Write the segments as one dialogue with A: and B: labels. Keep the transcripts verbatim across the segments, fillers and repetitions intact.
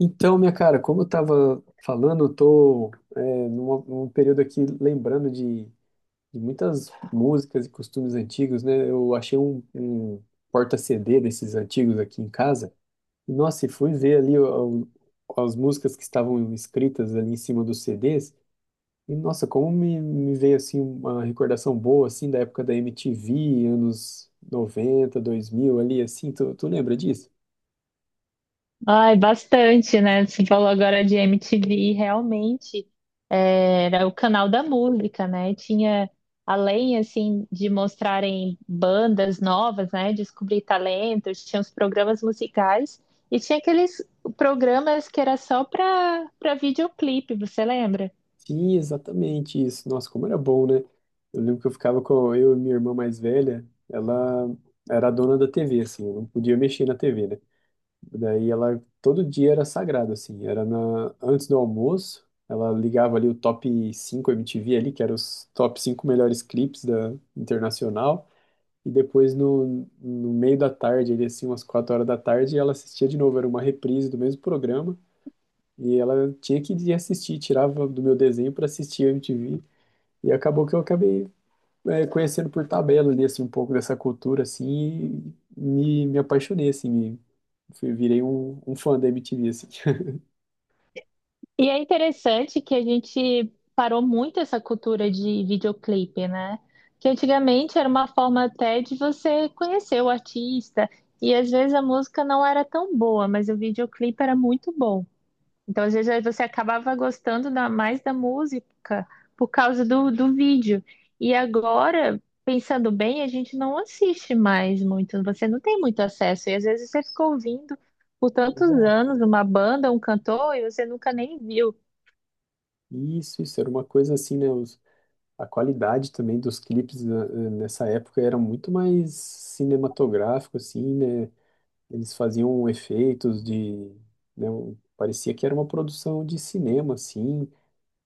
A: Então, minha cara, como eu estava falando, eu tô é, numa- num período aqui lembrando de, de muitas músicas e costumes antigos, né? Eu achei um, um porta-C D desses antigos aqui em casa. E, nossa, e fui ver ali o- o- as músicas que estavam escritas ali em cima dos C Ds. E, nossa, como me, me veio, assim, uma recordação boa, assim, da época da M T V, anos noventa, dois mil, ali, assim. Tu, tu lembra disso?
B: Ai, bastante, né? Você falou agora de M T V, realmente é, era o canal da música, né? Tinha, além, assim, de mostrarem bandas novas, né? Descobrir talentos, tinha os programas musicais e tinha aqueles programas que era só para para videoclipe, você lembra?
A: Sim, exatamente isso. Nossa, como era bom, né? Eu lembro que eu ficava com eu e minha irmã mais velha, ela era a dona da T V, assim, eu não podia mexer na T V, né? Daí ela, todo dia era sagrado, assim, era na, antes do almoço, ela ligava ali o top cinco M T V ali, que eram os top cinco melhores clipes da Internacional, e depois no, no meio da tarde, ali assim, umas quatro horas da tarde, ela assistia de novo, era uma reprise do mesmo programa, e ela tinha que ir assistir, tirava do meu desenho para assistir a M T V. E acabou que eu acabei, é, conhecendo por tabela ali, assim, um pouco dessa cultura, assim, e me, me apaixonei, assim, me, fui- virei um, um fã da M T V, assim.
B: E é interessante que a gente parou muito essa cultura de videoclipe, né? Que antigamente era uma forma até de você conhecer o artista, e às vezes a música não era tão boa, mas o videoclipe era muito bom. Então, às vezes, aí você acabava gostando da- mais da música por causa do, do vídeo. E agora, pensando bem, a gente não assiste mais muito, você não tem muito acesso, e às vezes você ficou ouvindo por tantos
A: Exato.
B: anos uma banda, um cantor, e você nunca nem viu.
A: Isso, isso, era uma coisa assim, né? os- a qualidade também dos clipes, né, nessa época era muito mais cinematográfico, assim, né? Eles faziam efeitos de, né, um- parecia que era uma produção de cinema, assim,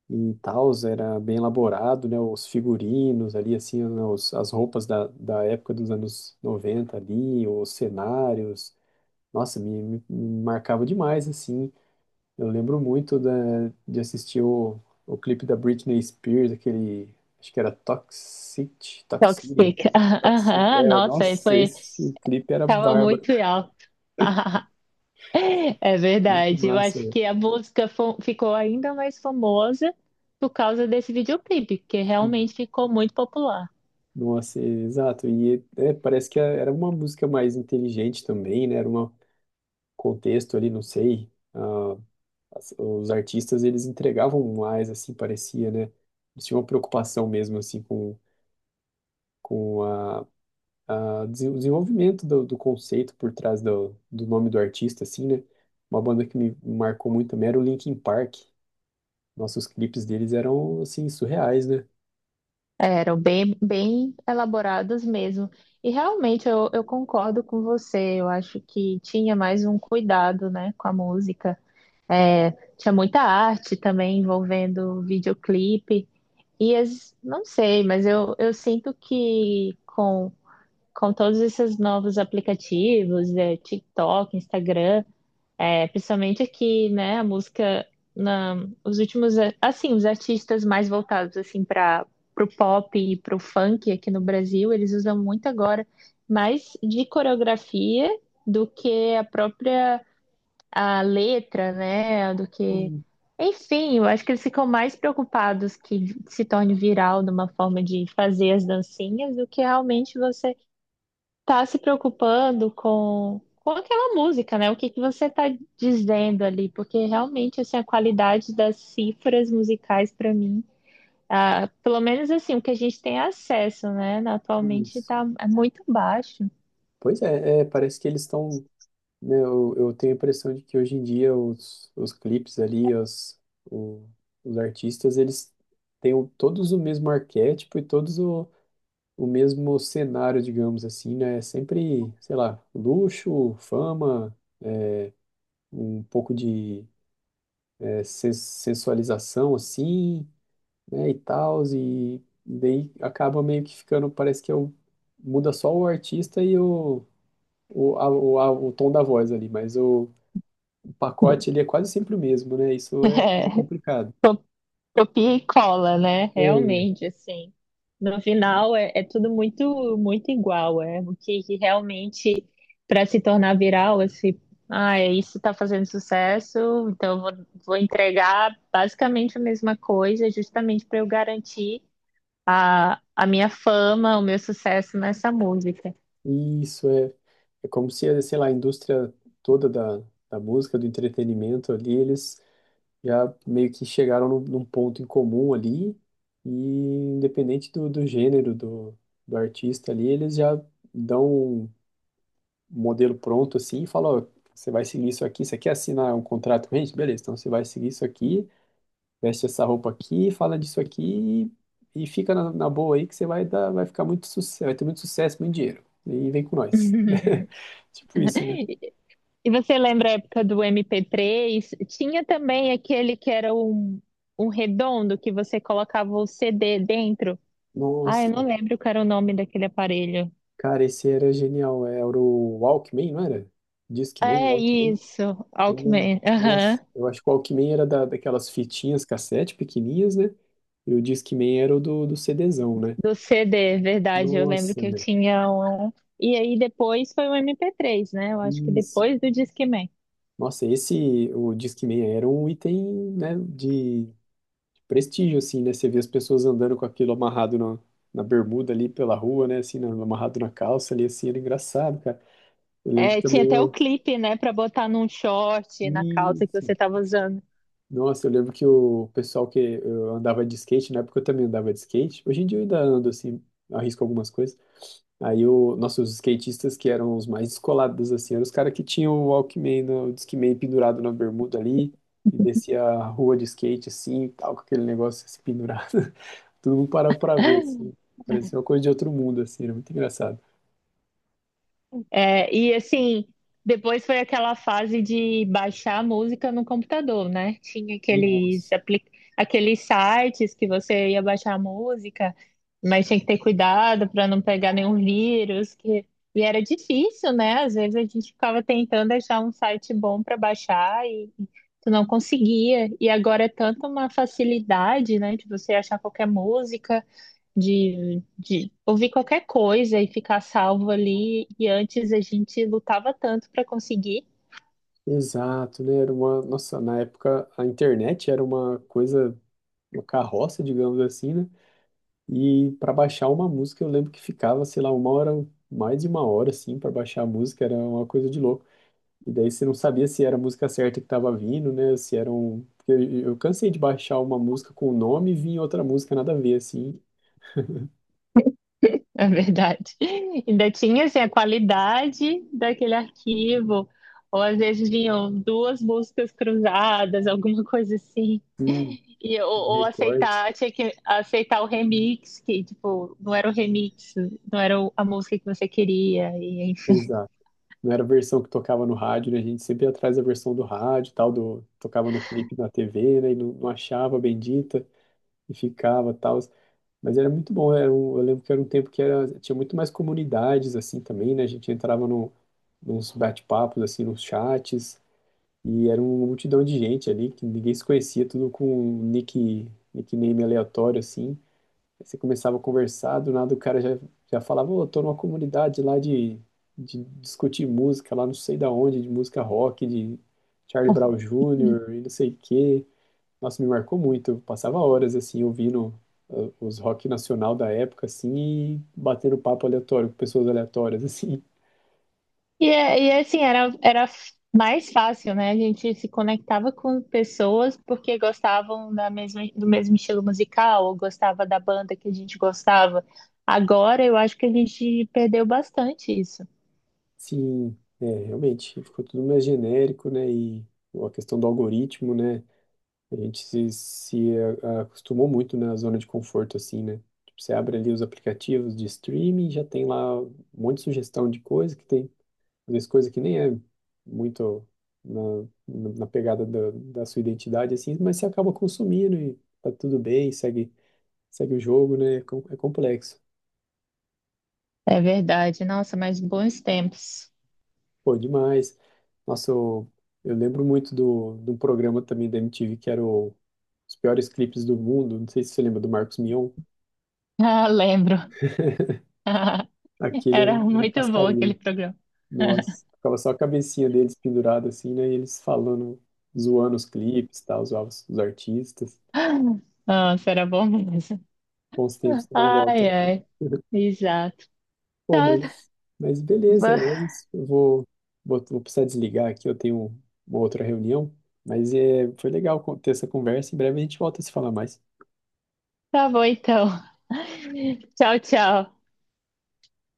A: e tal, era bem elaborado, né? Os figurinos ali, assim, né, os, as roupas da, da época dos anos noventa ali, os cenários, nossa, me, me- me marcava demais, assim. Eu lembro muito da, de assistir o, o clipe da Britney Spears, aquele, acho que era Toxic, Toxicity,
B: Toxic.
A: Toxic,
B: Aham,
A: é,
B: nossa, aí
A: nossa,
B: foi,
A: esse clipe era
B: tava
A: bárbaro,
B: muito em alta. É
A: muito
B: verdade. Eu
A: massa,
B: acho
A: velho.
B: que a música fo- ficou ainda mais famosa por causa desse videoclipe, que realmente ficou muito popular.
A: Nossa, exato. E é, parece que era uma música mais inteligente também, né? Era uma, contexto ali, não sei, ah, as- os artistas, eles entregavam mais, assim, parecia, né? Eles tinham uma preocupação mesmo, assim, com, com a, a desen- o desenvolvimento do, do conceito por trás do, do nome do artista, assim, né? Uma banda que me marcou muito também era o Linkin Park. Nossos clipes deles eram, assim, surreais, né?
B: Eram bem, bem elaborados mesmo. E realmente eu, eu concordo com você. Eu acho que tinha mais um cuidado, né, com a música. É, tinha muita arte também envolvendo o videoclipe. E as, não sei, mas eu, eu sinto que com, com todos esses novos aplicativos, é, TikTok, Instagram, é, principalmente aqui, né, a música, na, os últimos, a- assim, os artistas mais voltados, assim, para o pop e para o funk aqui no Brasil, eles usam muito agora mais de coreografia do que a própria a letra, né, do que.
A: E-
B: Enfim, eu acho que eles ficam mais preocupados que se torne viral numa forma de fazer as dancinhas do que realmente você tá se preocupando com, com aquela música, né? O que que você tá dizendo ali? Porque realmente assim, a qualidade das cifras musicais para mim, ah, pelo menos assim, o que a gente tem acesso, né, atualmente
A: e-
B: tá muito baixo.
A: Pois é, é, parece que eles estão. Eu, eu tenho a impressão de que hoje em dia os, os clipes ali, os, o- os artistas, eles têm o- todos o mesmo arquétipo e todos o, o mesmo cenário, digamos assim, né? É sempre, sei lá, luxo, fama, um pouco de é, sen- sensualização, assim, né? E tal, e daí acaba meio que ficando, parece que é o, muda só o artista e o, o, a- o, a- o tom da voz ali, mas o o pacote, ele é quase sempre o mesmo, né? Isso é meio complicado.
B: Copia e cola, né?
A: É,
B: Realmente, assim. No final é, é tudo muito muito igual, é o que, que realmente para se tornar viral, assim, ah, é isso está fazendo sucesso, então eu vou, vou entregar basicamente a mesma coisa, justamente para eu garantir a, a minha fama, o meu sucesso nessa música.
A: Isso é, é como se, sei lá, a indústria toda da, da música, do entretenimento ali, eles já meio que chegaram num, num ponto em comum ali, e independente do, do gênero do, do artista ali, eles já dão um modelo pronto assim e falam, ó, você vai seguir isso aqui, você quer assinar um contrato com a gente? Beleza, então você vai seguir isso aqui, veste essa roupa aqui, fala disso aqui e, e fica na, na boa aí que você vai dar, vai ficar muito sucesso, vai ter muito sucesso, muito dinheiro. E vem com nós. Tipo isso, né?
B: E você lembra a época do M P três? Tinha também aquele que era um, um redondo que você colocava o C D dentro. Ah, eu
A: Nossa,
B: não lembro qual era o nome daquele aparelho.
A: cara, esse era genial. Era o Walkman, não era? Discman,
B: É
A: Walkman.
B: isso,
A: É,
B: Walkman. Aham.
A: nossa, eu acho que o Walkman era da, daquelas fitinhas cassete pequenininhas, né? E o Discman era o do, do CDzão, né?
B: Do C D, verdade. Eu lembro
A: Nossa,
B: que eu
A: meu.
B: tinha um. E aí depois foi o M P três, né? Eu acho que
A: Isso.
B: depois do Discman.
A: Nossa, esse, o Discman era um item, né, de prestígio, assim, né? Você vê as pessoas andando com aquilo amarrado na na bermuda ali pela rua, né? Assim, na- amarrado na calça ali, assim, era engraçado, cara. Eu lembro
B: É,
A: que
B: tinha
A: também
B: até o
A: eu.
B: clipe, né, pra botar num short, na calça que
A: Isso.
B: você tava usando.
A: Nossa, eu lembro que o pessoal que eu andava de skate, na época eu também andava de skate. Hoje em dia eu ainda ando, assim, arrisco algumas coisas. Aí o, nossa, os skatistas que eram os mais descolados, assim, eram os caras que tinham o Walkman, né, o Discman pendurado na bermuda ali, e descia a rua de skate, assim, e tal, com aquele negócio assim, pendurado. Todo mundo parava pra ver, assim. Parecia uma coisa de outro mundo, assim, era muito engraçado.
B: É, e assim, depois foi aquela fase de baixar a música no computador, né? Tinha aqueles,
A: Nossa.
B: apli- aqueles sites que você ia baixar a música, mas tinha que ter cuidado para não pegar nenhum vírus. Que... E era difícil, né? Às vezes a gente ficava tentando achar um site bom para baixar e tu não conseguia. E agora é tanta uma facilidade, né, de você achar qualquer música de, de ouvir qualquer coisa e ficar salvo ali. E antes a gente lutava tanto para conseguir,
A: Exato, né? Era uma. Nossa, na época a internet era uma coisa, uma carroça, digamos assim, né? E para baixar uma música, eu lembro que ficava, sei lá, uma hora, mais de uma hora, assim, para baixar a música, era uma coisa de louco. E daí você não sabia se era a música certa que tava vindo, né? Se era um. Porque Eu eu cansei de baixar uma música com o nome e vinha outra música nada a ver, assim.
B: é verdade. Ainda tinha assim, a qualidade daquele arquivo, ou às vezes vinham duas músicas cruzadas, alguma coisa assim.
A: Sim,
B: E, ou, ou
A: recortes.
B: aceitar, tinha que aceitar o remix, que tipo, não era o remix, não era o- a música que você queria, e
A: Exato. Não era a versão que tocava no rádio, né? A gente sempre ia atrás da versão do rádio, e tal, do tocava no clipe na T V, né? E não, não achava a bendita e ficava, tal. Mas era muito bom, era um- eu lembro que era um tempo que era, tinha muito mais comunidades assim também, né? A gente entrava no, nos bate-papos assim, nos chats e era uma multidão de gente ali que ninguém se conhecia, tudo com um nick nickname aleatório assim. Aí você começava a conversar, do nada o cara já, já falava, ô, tô numa comunidade lá de, de discutir música, lá não sei da onde, de música rock, de Charlie
B: enfim.
A: Brown Junior e não sei o quê. Nossa, me marcou muito. Eu passava horas, assim, ouvindo uh, os rock nacional da época, assim, e batendo papo aleatório com pessoas aleatórias, assim.
B: E, é- e é assim, era, era mais fácil, né? A gente se conectava com pessoas porque gostavam da mesma, do mesmo estilo musical ou gostava da banda que a gente gostava. Agora eu acho que a gente perdeu bastante isso.
A: Sim, é, realmente, ficou tudo mais genérico, né, e a questão do algoritmo, né. A gente se, se a- acostumou muito, né, na zona de conforto, assim, né? Tipo, você abre ali os aplicativos de streaming, já tem lá um monte de sugestão de coisa que tem, às vezes coisa que nem é muito na, na na pegada da, da sua identidade, assim, mas você acaba consumindo e tá tudo bem, segue, segue o jogo, né? É com- é complexo.
B: É verdade. Nossa, mas bons tempos.
A: Pô, demais. Nossa, eu, eu lembro muito do, do programa também da M T V que era o, os piores clipes do mundo. Não sei se você lembra do Marcos Mion.
B: Ah, lembro.
A: Aquele era,
B: Era
A: era
B: muito bom
A: cascarinha.
B: aquele programa.
A: Nossa, ficava só a cabecinha deles pendurada assim, né? E eles falando, zoando os clipes, tal, zoavam os os artistas.
B: Nossa, era bom mesmo.
A: Bons tempos que não
B: Ai,
A: voltam.
B: ai. Exato.
A: Bom, mas, mas beleza, é
B: Va-
A: isso. Eu vou, vou, vou precisar desligar aqui, eu tenho uma outra reunião. Mas é, foi legal con- ter essa conversa. Em breve a gente volta a se falar mais.
B: Tá bom então. Tchau, tchau.